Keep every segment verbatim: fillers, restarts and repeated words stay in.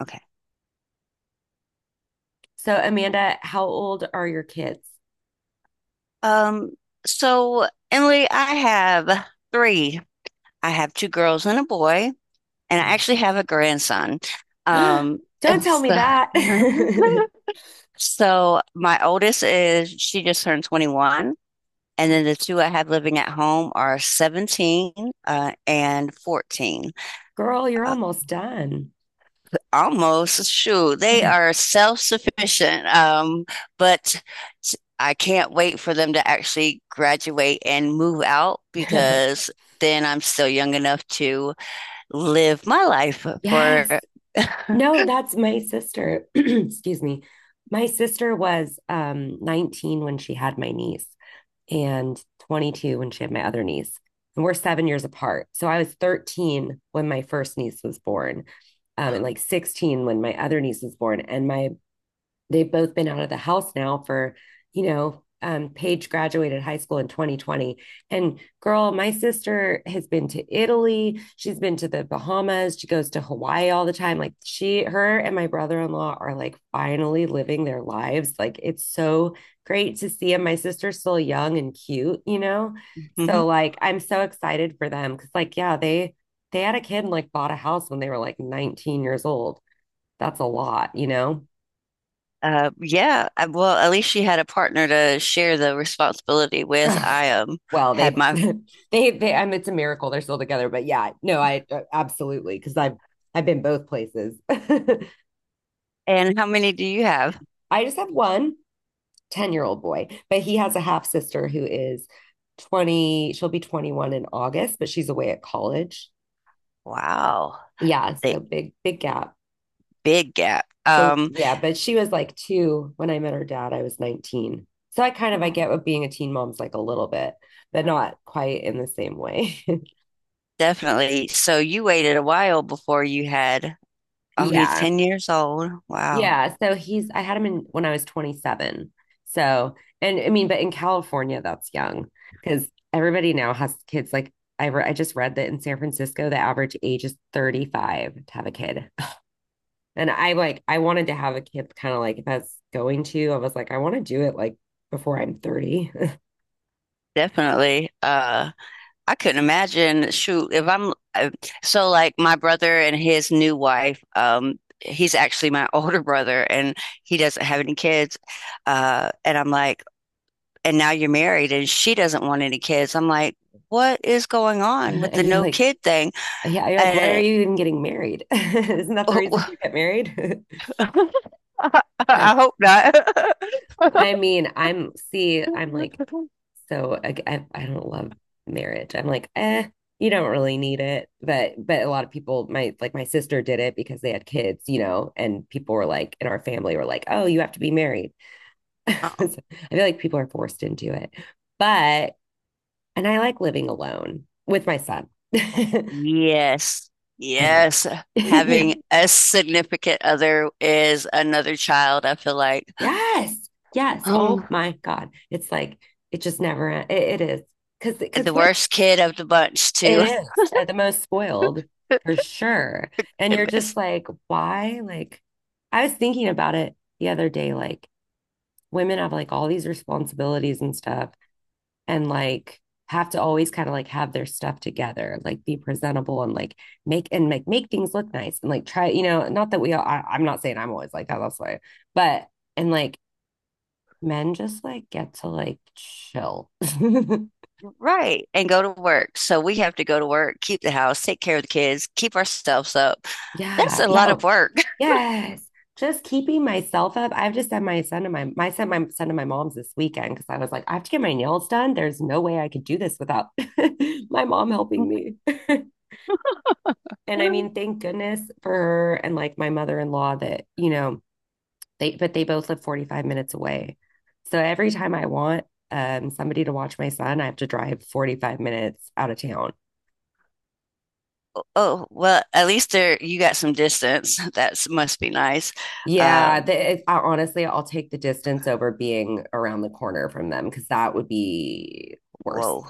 Okay. So, Amanda, how old are your kids? Um, so Emily, I have three. I have two girls and a boy, and I actually have a grandson. Um, Don't tell it's me the that. so my oldest is she just turned twenty-one, and then the two I have living at home are seventeen uh, and fourteen. Girl, you're Uh, almost done. Almost shoot. They are self-sufficient, um, but I can't wait for them to actually graduate and move out because then I'm still young enough to live my life Yes. for. No, that's my sister. Excuse me. My sister was um, nineteen when she had my niece and twenty-two when she had my other niece. And we're seven years apart. So I was thirteen when my first niece was born, um, and like sixteen when my other niece was born. And my they've both been out of the house now. for, you know, um, Paige graduated high school in twenty twenty. And girl, my sister has been to Italy. She's been to the Bahamas. She goes to Hawaii all the time. Like she, her, and my brother in law are like finally living their lives. Like it's so great to see them. My sister's still young and cute, you know? Mhm. So like I'm so excited for them because like yeah they they had a kid and like bought a house when they were like nineteen years old. That's a lot, you know. Uh, yeah, I- well, at least she had a partner to share the responsibility with. Ugh, I um well, had they my, they they I mean, it's a miracle they're still together, but yeah, no, I uh, absolutely, because I've I've been both places. I and how many do you have? just have one ten year old boy, but he has a half sister who is twenty. She'll be twenty-one in August, but she's away at college. Wow, Yeah, the so big big gap. big gap. So Um, yeah, but she was like two when I met her dad. I was nineteen, so I kind of I Oh. get what being a teen mom's like, a little bit, but not quite in the same way. Definitely. So you waited a while before you had only Yeah, ten years old. Wow. yeah, so he's I had him in when I was twenty-seven. So, and I mean, but in California, that's young because everybody now has kids. Like I re I just read that in San Francisco, the average age is thirty-five to have a kid. And I like I wanted to have a kid kind of like, if I was going to, I was like, I want to do it like before I'm thirty. Definitely. Uh, I couldn't imagine. Shoot, if I'm uh, so like my brother and his new wife, um, he's actually my older brother and he doesn't have any kids. Uh, and I'm like, and now you're married and she doesn't want any kids. I'm like, what is going on with And the you're no like, kid thing? yeah, you're like, why are Uh, you even getting married? Isn't that the reason oh, you get married? I mean, I'm see, I'm like so I, I, I don't love marriage. I'm like, eh, you don't really need it. But but a lot of people, my like my sister did it because they had kids, you know, and people were like in our family were like, oh, you have to be married. So I feel like people are forced into it. But and I like living alone with my son. I yes. will. Yes. Yeah. Having a significant other is another child, I feel like. Yes. Yes. Oh Um, my God. It's like it just never it, it is. Cause because the worst kid of the bunch it too. is at the most spoiled, for sure. And you're just like, why? Like, I was thinking about it the other day. Like, women have like all these responsibilities and stuff, and like have to always kind of like have their stuff together, like be presentable, and like make and like make things look nice, and like try, you know, not that we all, I, I'm not saying I'm always like that, that's why, but and like men just like get to like chill. Right. And go to work. So we have to go to work, keep the house, take care of the kids, keep ourselves up. That's Yeah. a Yeah. lot of Oh, work. yes. Just keeping myself up. I have just sent my son to my my sent my son to my mom's this weekend because I was like, I have to get my nails done. There's no way I could do this without my mom helping me. And I mean, thank goodness for her and like my mother-in-law, that, you know, they but they both live forty-five minutes away. So every time I want um somebody to watch my son, I have to drive forty-five minutes out of town. Oh, well, at least there you got some distance. That must be nice. Yeah, Um, the, it, I, honestly, I'll take the distance over being around the corner from them because that would be worse. whoa.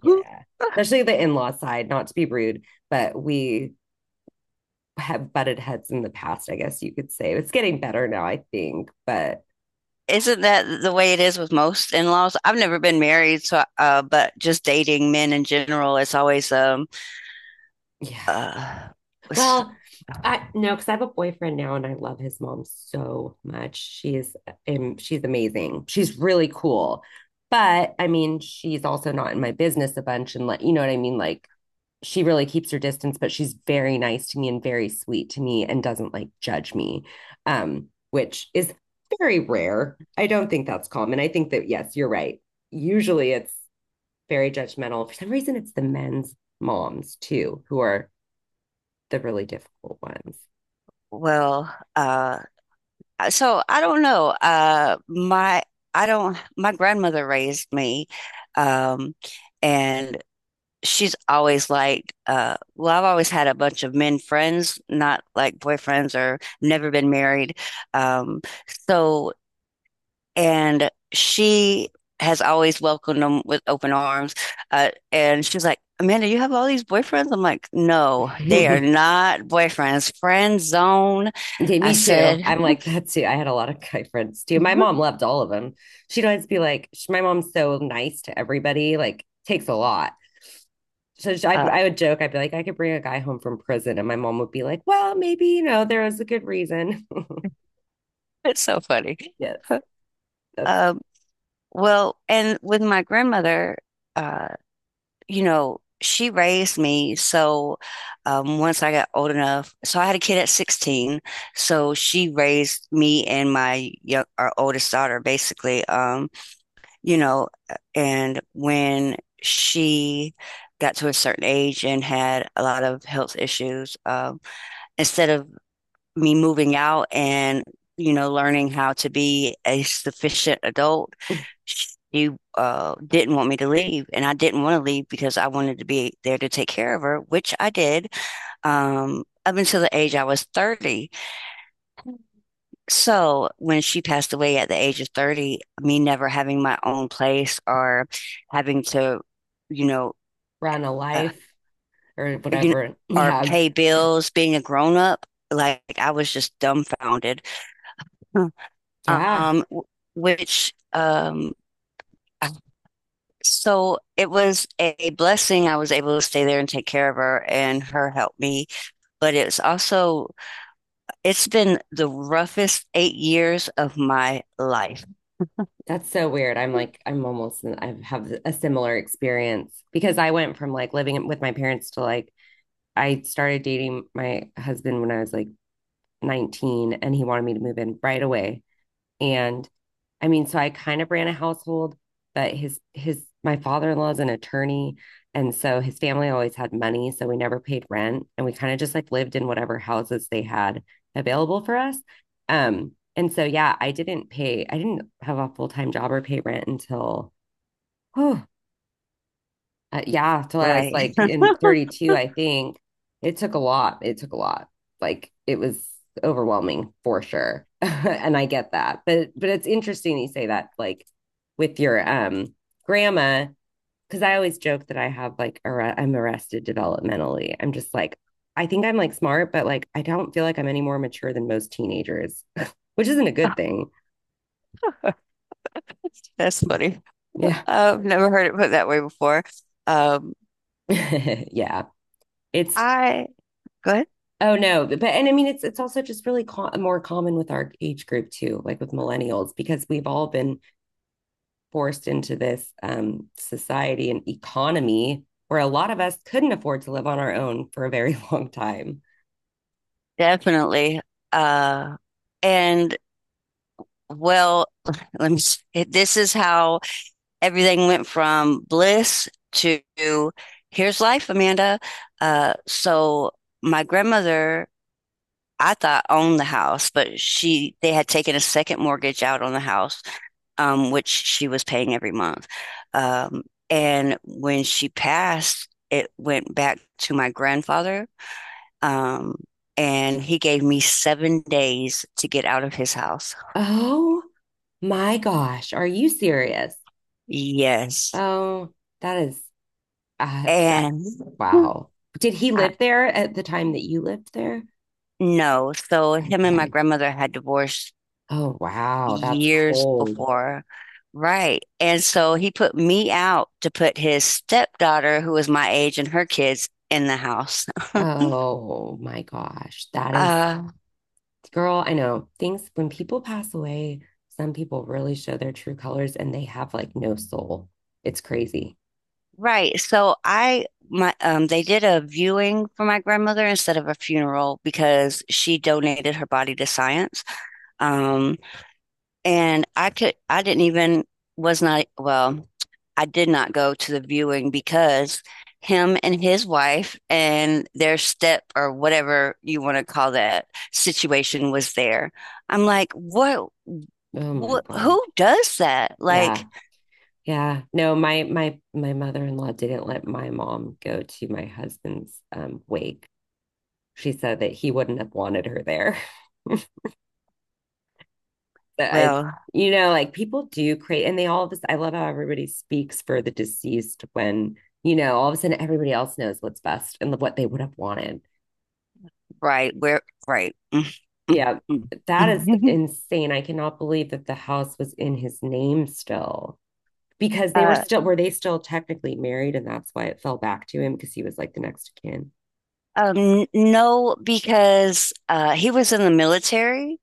Yeah. Especially the in-law side, not to be rude, but we have butted heads in the past, I guess you could say. It's getting better now, I think, but Isn't that the way it is with most in laws? I've never been married, so uh, but just dating men in general, it's always um, yeah. uh, Well, I no, because I have a boyfriend now and I love his mom so much. She's um, she's amazing. She's really cool. But I mean, she's also not in my business a bunch, and like, you know what I mean? Like, she really keeps her distance, but she's very nice to me and very sweet to me and doesn't like judge me. Um, which is very rare. I don't think that's common. I think that, yes, you're right. Usually it's very judgmental. For some reason, it's the men's moms too who are the really difficult ones. well, uh, Uh, so I don't know. Uh, my I don't. My grandmother raised me, um, and she's always liked. Uh, well, I've always had a bunch of men friends, not like boyfriends, or never been married. Um, so and she has always welcomed them with open arms. Uh, and she's like, Amanda, you have all these boyfriends? I'm like, no, they are not boyfriends. Friend zone. Okay, I me too. said, I'm like that too. I had a lot of guy friends too. My mom loved all of them. She'd always be like, sh- my mom's so nice to everybody, like, takes a lot. So sh- I, uh, I would joke, I'd be like, I could bring a guy home from prison. And my mom would be like, well, maybe, you know, there was a good reason. it's so funny. Yes, that's Uh, well, and with my grandmother, uh, you know, she raised me. So um, once I got old enough, so I had a kid at sixteen. So she raised me and my young, our oldest daughter, basically. Um, you know, uh, and when she got to a certain age and had a lot of health issues, um, instead of me moving out and, you know, learning how to be a sufficient adult, she uh, didn't want me to leave. And I didn't want to leave because I wanted to be there to take care of her, which I did um, up until the age I was thirty. So when she passed away at the age of thirty, me never having my own place or having to, you know, run a uh, life or you know, whatever. or Yeah. pay bills, being a grown up, like I was just dumbfounded. Hmm. Yeah. um, which um, so it was a blessing. I was able to stay there and take care of her, and her helped me. But it's also it's been the roughest eight years of my life. That's so weird. I'm like, I'm almost, I have a similar experience because I went from like living with my parents to like I started dating my husband when I was like nineteen, and he wanted me to move in right away. And I mean, so I kind of ran a household, but his his my father-in-law is an attorney, and so his family always had money, so we never paid rent, and we kind of just like lived in whatever houses they had available for us. Um and so yeah, I didn't pay I didn't have a full-time job or pay rent until oh, uh, yeah, till I was Right. like in thirty-two, I think. It took a lot. It took a lot. Like, it was overwhelming for sure. And I get that. But but it's interesting you say that, like with your um grandma, because I always joke that I have like arre- I'm arrested developmentally. I'm just like, I think I'm like smart, but like I don't feel like I'm any more mature than most teenagers, which isn't a good thing. That's Hmm. funny. Yeah. I've never heard it put that way before. Um, Yeah. It's I go ahead. Oh no, but and I mean it's it's also just really co more common with our age group too, like with millennials, because we've all been forced into this um, society and economy where a lot of us couldn't afford to live on our own for a very long time. Definitely. Uh, and Well, let me. it- This is how everything went from bliss to here's life, Amanda. Uh, so my grandmother, I thought owned the house, but she they had taken a second mortgage out on the house, um, which she was paying every month. Um, and when she passed, it went back to my grandfather, um, and he gave me seven days to get out of his house. Oh my gosh, are you serious? Yes. Oh, that is uh, that And wow. Did he I, live there at the time that you lived there? no, so him and my Okay. grandmother had divorced Oh wow, that's years cold. before. Right. And so he put me out to put his stepdaughter, who was my age, and her kids in the house. Oh my gosh, that is Uh, girl, I know, things when people pass away, some people really show their true colors and they have like no soul. It's crazy. right. So I my um they did a viewing for my grandmother instead of a funeral because she donated her body to science. Um and I could I didn't even was not well, I did not go to the viewing because him and his wife and their step or whatever you want to call that situation was there. I'm like, what, Oh my what God. who does that? Yeah. Like, Yeah. No, my my my mother-in-law didn't let my mom go to my husband's um wake. She said that he wouldn't have wanted her there. But I, well, you know, like, people do create and they all of this. I love how everybody speaks for the deceased when, you know, all of a sudden everybody else knows what's best and what they would have wanted. right, We're right. Yeah, that is insane. I cannot believe that the house was in his name still, because they were uh still were they still technically married, and that's why it fell back to him, because he was like the next of kin. um no because uh he was in the military.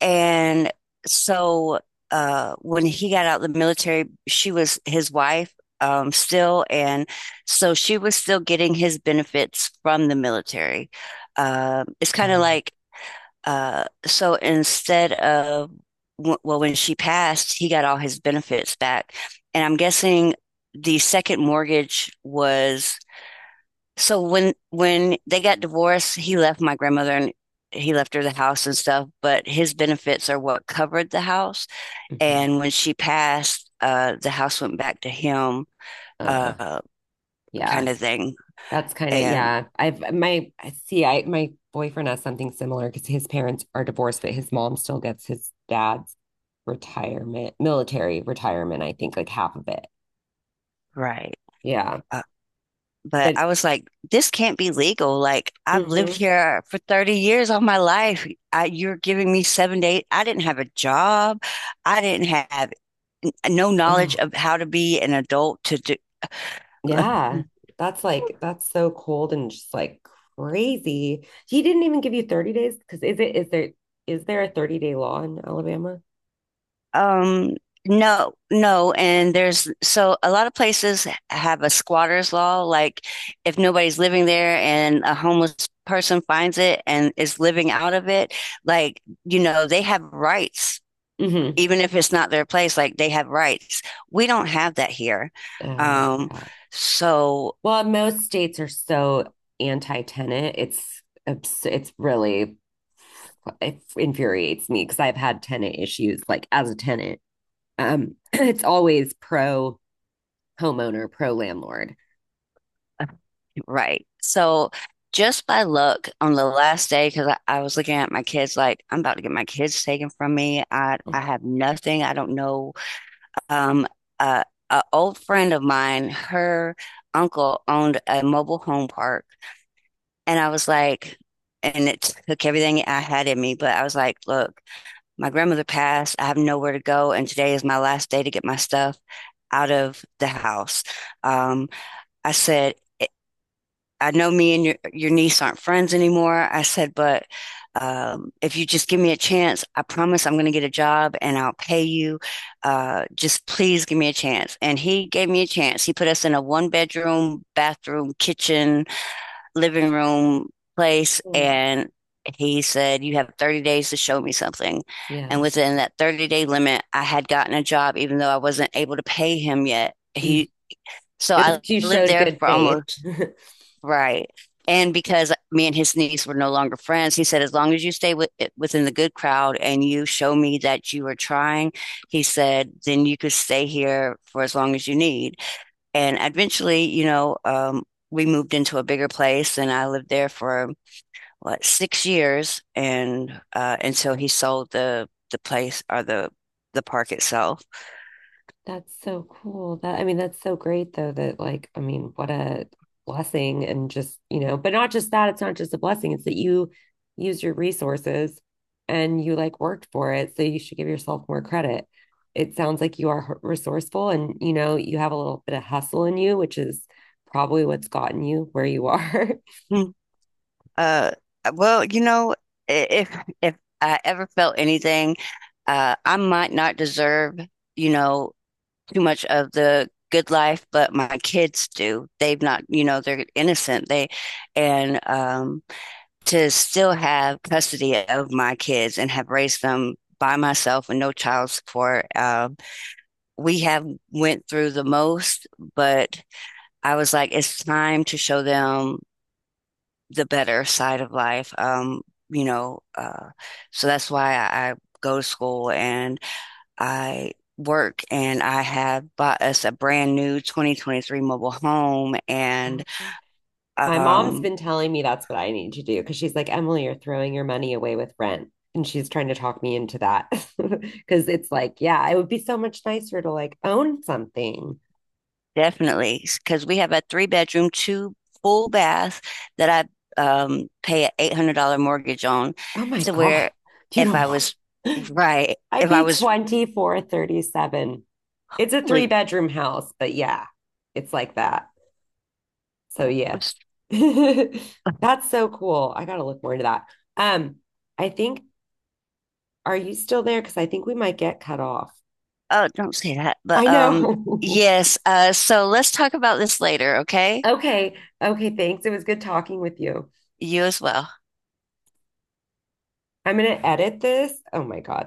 And so uh, When he got out of the military, she was his wife um, still. And so she was still getting his benefits from the military. Um it's kind of Um, like, uh, so instead of, well, when she passed, he got all his benefits back. And I'm guessing the second mortgage was so when when they got divorced, he left my grandmother and he left her the house and stuff, but his benefits are what covered the house. mhm. And when she passed, uh, the house went back to him, uh, uh, kind yeah, of thing. that's kind of, And yeah. I've my I see I My boyfriend has something similar, because his parents are divorced, but his mom still gets his dad's retirement, military retirement, I think, like half of it. right. Yeah, Uh, but but I was like, this can't be legal. Like I've lived hmm here for thirty years of my life. I, you're giving me seven to eight. I didn't have a job. I didn't have no knowledge of how to be an adult to do. yeah, that's like that's so cold and just like crazy. He didn't even give you thirty days, because is it is there is there a thirty day law in Alabama? Um, no, no, and there's so a lot of places have a squatter's law, like if nobody's living there and a homeless person finds it and is living out of it, like, you know, they have rights, Hmm. even if it's not their place, like they have rights. We don't have that here. Oh Um, yeah. so Well, most states are so anti-tenant. It's abs- it's really it infuriates me because I've had tenant issues like as a tenant. Um, it's always pro homeowner, pro landlord. right. So just by luck on the last day, because I, I was looking at my kids like, I'm about to get my kids taken from me. I I have nothing. I don't know um, a, a old friend of mine, her uncle owned a mobile home park, and I was like, and it took everything I had in me, but I was like, look, my grandmother passed. I have nowhere to go, and today is my last day to get my stuff out of the house. Um, I said, I know me and your your niece aren't friends anymore. I said, but um, if you just give me a chance, I promise I'm going to get a job and I'll pay you. Uh, just please give me a chance. And he gave me a chance. He put us in a one bedroom, bathroom, kitchen, living room place. Mm, And he said, you have thirty days to show me something. And yeah. within that thirty day limit, I had gotten a job, even though I wasn't able to pay him yet. Mm. He, so It was, I you lived showed there good for faith. almost. Right. And because me and his niece were no longer friends, he said, as long as you stay with, within the good crowd and you show me that you are trying, he said, then you could stay here for as long as you need. And eventually, you know, um, we moved into a bigger place and I lived there for what, six years. And uh, until he sold the, the place or the, the park itself. That's so cool. That I mean, that's so great though that, like, I mean, what a blessing, and just, you know, but not just that, it's not just a blessing, it's that you use your resources and you like worked for it, so you should give yourself more credit. It sounds like you are resourceful and, you know, you have a little bit of hustle in you, which is probably what's gotten you where you are. Hmm. Uh, well, you know, I- if if I ever felt anything, uh, I might not deserve, you know, too much of the good life, but my kids do. They've not, you know, they're innocent. They and um, to still have custody of my kids and have raised them by myself with no child support. Um, we have went through the most, but I was like, it's time to show them the better side of life. Um, you know, uh, so that's why I, I go to school and I work and I have bought us a brand new twenty twenty-three mobile home and Oh. My mom's um been telling me that's what I need to do, because she's like, Emily, you're throwing your money away with rent. And she's trying to talk me into that because it's like, yeah, it would be so much nicer to like own something. definitely because we have a three bedroom, two full bath that I um pay an eight hundred dollars mortgage on Oh my to God. where You if don't I want. was right, I if I pay was twenty-four thirty-seven. It's a three really. bedroom house, but yeah, it's like that. So yeah. That's so cool. I gotta look more into that. Um, I think, are you still there? Because I think we might get cut off. Oh, don't say that. I But um, know. yes. Uh, so let's talk about this later, okay? Okay. Okay. Thanks. It was good talking with you. You as well. I'm going to edit this. Oh my God.